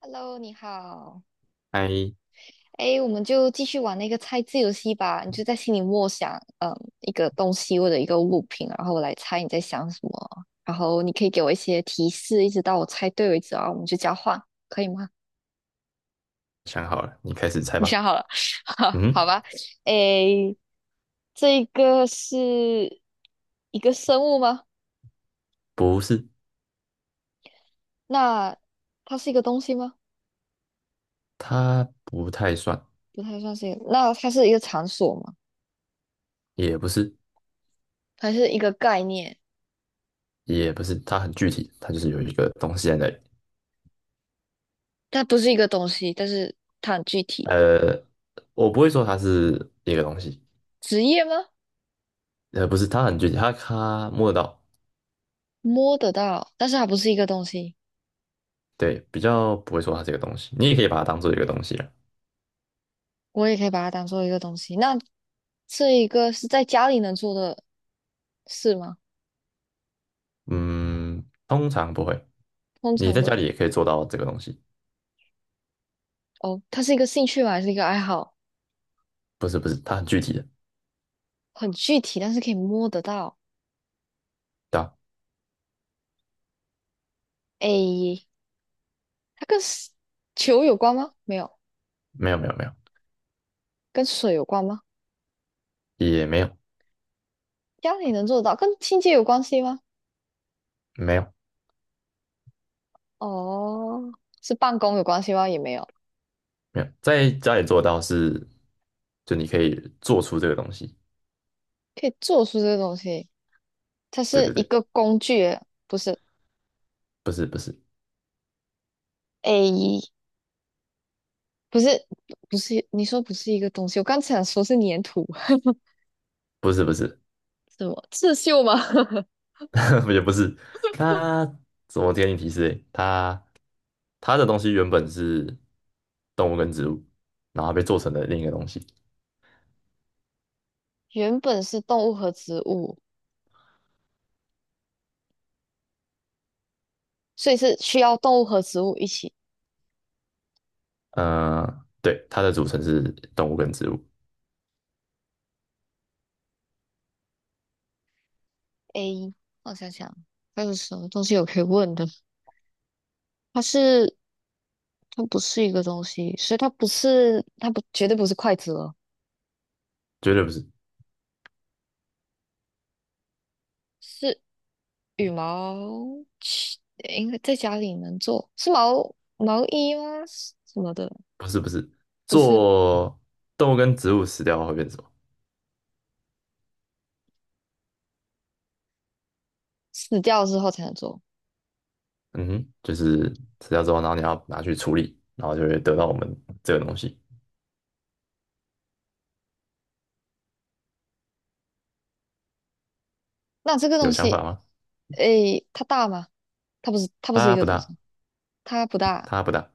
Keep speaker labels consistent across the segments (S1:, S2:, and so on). S1: Hello，你好。
S2: 哎，
S1: 哎，我们就继续玩那个猜字游戏吧。你就在心里默想，一个东西或者一个物品，然后我来猜你在想什么。然后你可以给我一些提示，一直到我猜对为止啊。我们就交换，可以吗？
S2: 想好了，你开始猜
S1: 你
S2: 吧。
S1: 想好了？好，
S2: 嗯，
S1: 好吧。哎，这个是一个生物吗？
S2: 不是，
S1: 那它是一个东西吗？
S2: 它不太算，
S1: 不太算是一个那它是一个场所吗？
S2: 也不是，
S1: 它是一个概念，
S2: 也不是，它很具体，它就是有一个东西在那里。
S1: 它不是一个东西，但是它很具体。
S2: 呃，我不会说它是一个东西，
S1: 职业吗？
S2: 不是，它很具体，它摸得到，
S1: 摸得到，但是它不是一个东西，
S2: 对，比较不会说它这个东西。你也可以把它当做一个东西了。
S1: 我也可以把它当做一个东西。那这一个是在家里能做的事吗？
S2: 嗯，通常不会。
S1: 通
S2: 你
S1: 常
S2: 在
S1: 不，
S2: 家里也可以做到这个东西，
S1: 哦，它是一个兴趣吗？还是一个爱好？
S2: 不是不是，它很具体的，
S1: 很具体，但是可以摸得到。
S2: 对吧？
S1: 诶，它跟 球有关吗？没有，
S2: 没有没有没有，
S1: 跟水有关吗？
S2: 也没有
S1: 家里能做得到，跟清洁有关系吗？
S2: 没有，
S1: 哦，是办公有关系吗？也没有，
S2: 没有，在家里做到是，就你可以做出这个东西。
S1: 可以做出这个东西，它
S2: 对
S1: 是
S2: 对
S1: 一
S2: 对，
S1: 个工具，不是？
S2: 不是不是
S1: 诶。不是不是，你说不是一个东西，我刚才想说是粘土，
S2: 不是不是，
S1: 什么刺绣吗？
S2: 也不是。它怎么给你提示欸？它它的东西原本是动物跟植物，然后被做成了另一个东西。
S1: 原本是动物和植物，所以是需要动物和植物一起。
S2: 呃，对，它的组成是动物跟植物，
S1: A，我想想还有什么东西我可以问的？它是它不是一个东西，所以它不是它不绝对不是筷子了，
S2: 绝对不是
S1: 是羽毛，其应该在家里能做，是毛毛衣吗？什么的？
S2: 不是不是。
S1: 不是，
S2: 做动物跟植物死掉会变什么？
S1: 死掉之后才能做。
S2: 嗯哼，就是死掉之后，然后你要拿去处理，然后就会得到我们这个东西。
S1: 那这个东
S2: 有想
S1: 西，
S2: 法吗？
S1: 诶，它大吗？它不是一
S2: 它
S1: 个
S2: 不
S1: 东
S2: 大，
S1: 西，它不大。
S2: 它不大，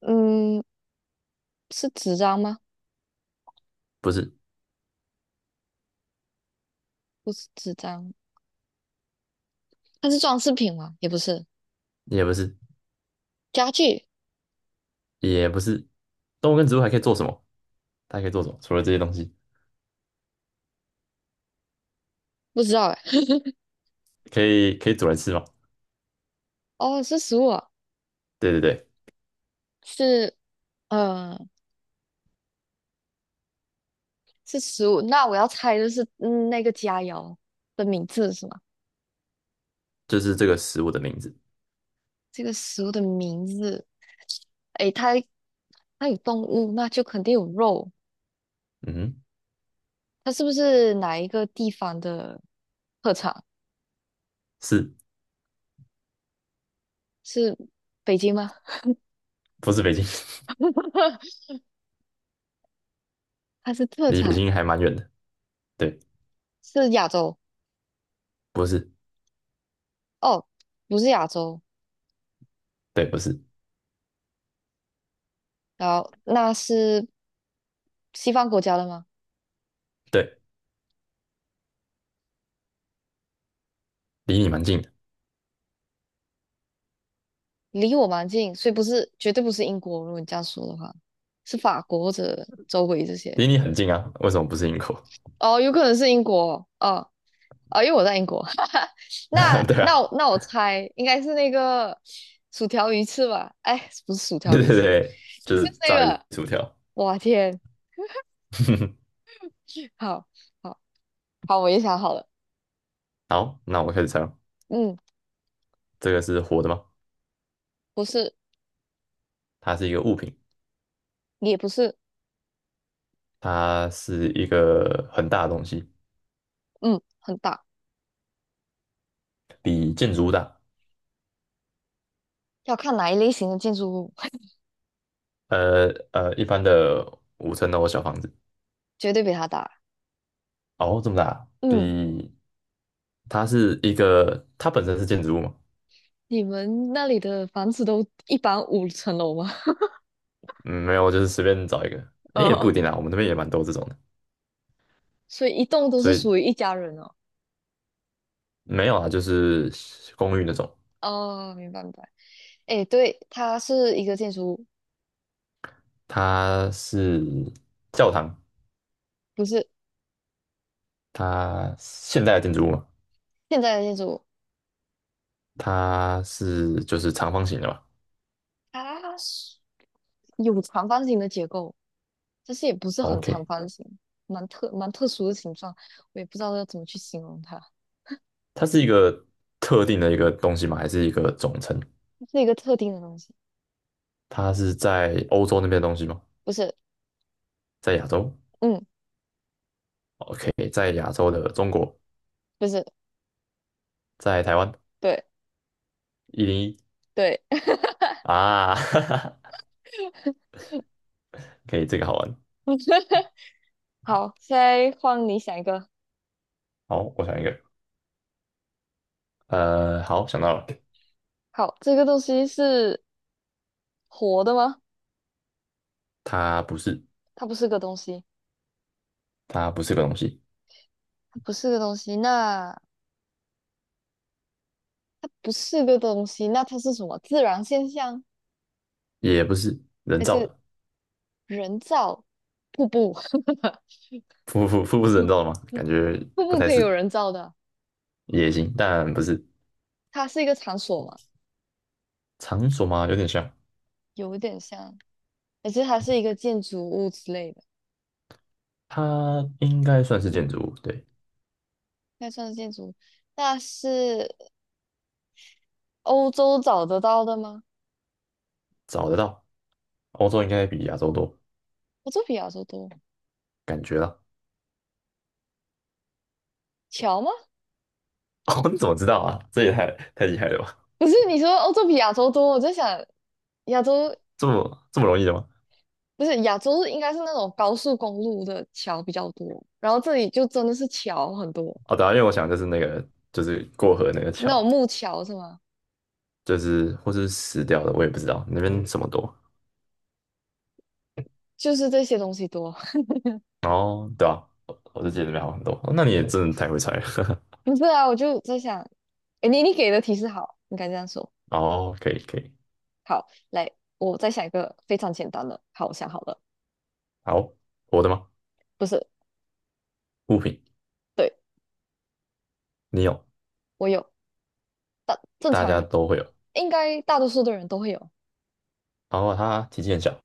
S1: 嗯，是纸张吗？
S2: 不是，
S1: 不是纸张，它是装饰品吗？也不是，
S2: 也不是，
S1: 家具
S2: 也不是。动物跟植物还可以做什么？它还可以做什么？除了这些东西，
S1: 不知道哎。
S2: 可以可以煮来吃吗？
S1: 哦，是食物啊
S2: 对对对，
S1: 是嗯，是食物。那我要猜的是，那个佳肴的名字是吗？
S2: 就是这个食物的名字。
S1: 这个食物的名字，诶，它有动物，那就肯定有肉。
S2: 嗯哼，
S1: 它是不是哪一个地方的特产？
S2: 是
S1: 是北京吗？
S2: 不是北京？
S1: 它是特
S2: 离北
S1: 产，
S2: 京还蛮远的。对，
S1: 是亚洲。
S2: 不是，
S1: 哦，不是亚洲，
S2: 对，不是，
S1: 然后那是西方国家的吗？
S2: 对，离你蛮近的，
S1: 离我蛮近，所以不是，绝对不是英国。如果你这样说的话，是法国或者周围这些。
S2: 离你很近啊。为什么不是英国？
S1: 哦，有可能是英国。哦，哦，因为我在英国。那
S2: 对啊，
S1: 那我那我猜应该是那个薯条鱼翅吧？哎，不是薯条
S2: 对
S1: 鱼
S2: 对
S1: 翅，
S2: 对，就
S1: 是
S2: 是
S1: 那
S2: 炸鱼
S1: 个。
S2: 薯条。
S1: 哇天，好好好，我也想好了。
S2: 好，那我开始猜了。
S1: 嗯，
S2: 这个是活的吗？
S1: 不是，
S2: 它是一个物品，
S1: 也不是，
S2: 它是一个很大的东西。
S1: 嗯，很大，
S2: 比建筑物大，
S1: 要看哪一类型的建筑物。
S2: 一般的5层楼小房子，
S1: 绝对比它大。
S2: 哦，这么大啊，
S1: 嗯，
S2: 比它是一个，它本身是建筑物嘛，
S1: 你们那里的房子都一般五层楼吗？
S2: 嗯，没有，就是随便找一个，
S1: 哦，
S2: 诶也不一
S1: 哦，
S2: 定啦，我们那边也蛮多这种的，
S1: 所以一栋都是
S2: 所以
S1: 属于一家人哦。
S2: 没有啊，就是公寓那种，
S1: 哦，明白明白。哎，对，它是一个建筑物，
S2: 它是教堂，
S1: 不是
S2: 它现代的建筑物嘛，
S1: 现在的建筑物，
S2: 它是就是长方形的嘛
S1: 它是有长方形的结构，但是也不是很长
S2: ，OK,
S1: 方形，蛮特殊的形状，我也不知道要怎么去形容它，
S2: 它是一个特定的一个东西吗？还是一个总称？
S1: 是一个特定的东西，
S2: 它是在欧洲那边的东西吗？
S1: 不是，
S2: 在亚洲？
S1: 嗯，
S2: OK,在亚洲的中国，
S1: 不是，
S2: 在台湾
S1: 对
S2: 101
S1: 对，
S2: 啊，哈哈，可以，这个好玩。
S1: 好，现在换你想一个，
S2: 好，我想一个，好，想到了，
S1: 好，这个东西是。活的吗？
S2: 它不是，
S1: 它不是个东西，
S2: 它不是个东西，
S1: 它不是个东西，那它不是个东西，那它是什么？自然现象
S2: 也不是人
S1: 还
S2: 造
S1: 是
S2: 的，
S1: 人造瀑布？
S2: 瀑布瀑布是人造的吗？感觉
S1: 瀑
S2: 不
S1: 布
S2: 太
S1: 可以
S2: 是，
S1: 有人造的，
S2: 也行，但不是
S1: 它是一个场所嘛，
S2: 场所吗？有点像，
S1: 有点像，而且它是一个建筑物之类的，
S2: 它应该算是建筑物，对，
S1: 那算是建筑物。那是欧洲找得到的吗？
S2: 找得到，欧洲应该比亚洲多。
S1: 欧洲比亚洲多，桥吗？
S2: 哦，你怎么知道啊？这也太厉害了吧？
S1: 不是，你说欧洲比亚洲多，我在想亚洲
S2: 这么容易的吗？
S1: 不是亚洲应该是那种高速公路的桥比较多，然后这里就真的是桥很多，
S2: 哦，对啊，因为我想就是那个就是过河那个
S1: 那
S2: 桥。
S1: 种木桥是吗？
S2: 就是或是死掉的，我也不知道那边什么多。
S1: 就是这些东西多。
S2: 哦，后对啊，我就记得那边好很多。哦那你也真的太会猜了。
S1: 不是啊，我就在想，诶你给的提示好，应该这样说。
S2: 哦，可以可以，
S1: 好，来，我再想一个非常简单的。好，我想好了，
S2: 好，我的吗？
S1: 不是，
S2: 物品，
S1: 对，
S2: 你有，
S1: 我有，大正
S2: 大
S1: 常
S2: 家
S1: 人
S2: 都会有。
S1: 应该大多数的人都会有。
S2: 然后它体积很小，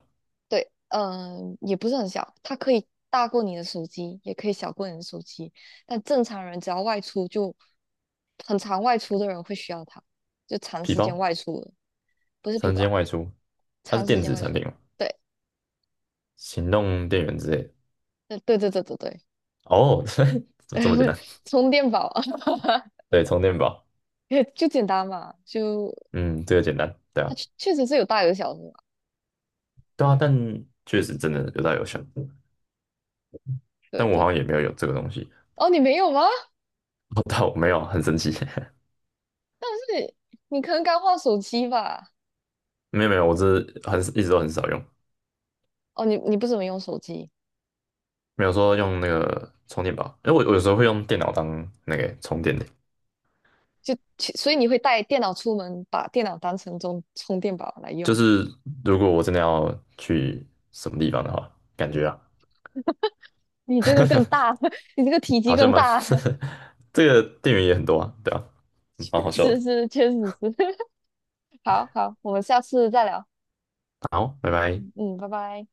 S1: 对，也不是很小，它可以大过你的手机，也可以小过你的手机。但正常人只要外出就，很常外出的人会需要它，就长
S2: 皮
S1: 时间
S2: 包，
S1: 外出的不是皮
S2: 常见
S1: 包，
S2: 外出，它是
S1: 长时
S2: 电
S1: 间
S2: 子
S1: 外
S2: 产
S1: 出。
S2: 品吗？
S1: 对，
S2: 行动电源之类的。
S1: 对对对对对，
S2: 哦，这这么简 单？
S1: 充电宝
S2: 对，充电宝。
S1: 就简单嘛，就
S2: 嗯，这个简单。对
S1: 它
S2: 啊，
S1: 确确实是有大有小的嘛。
S2: 对啊，但确实真的有大有小，
S1: 对
S2: 但我
S1: 对，
S2: 好像也没有有这个东西。
S1: 哦，你没有吗？
S2: 哦，但我没有啊，很神奇。
S1: 但是你可能刚换手机吧？
S2: 没有没有，我只是很一直都很少用，
S1: 哦，你你不怎么用手机？
S2: 没有说用那个充电宝，因为我有时候会用电脑当那个充电的，
S1: 就其所以你会带电脑出门，把电脑当成充电宝来
S2: 就
S1: 用。
S2: 是如果我真的要去什么地方的话，感觉啊
S1: 你这个更大，你这个体积
S2: 好像
S1: 更
S2: 蛮
S1: 大，
S2: 这个电源也很多啊，对啊，嗯蛮 好笑
S1: 是
S2: 的。
S1: 是，确实是。好好，我们下次再聊。
S2: 好，拜拜。
S1: 嗯嗯，拜拜。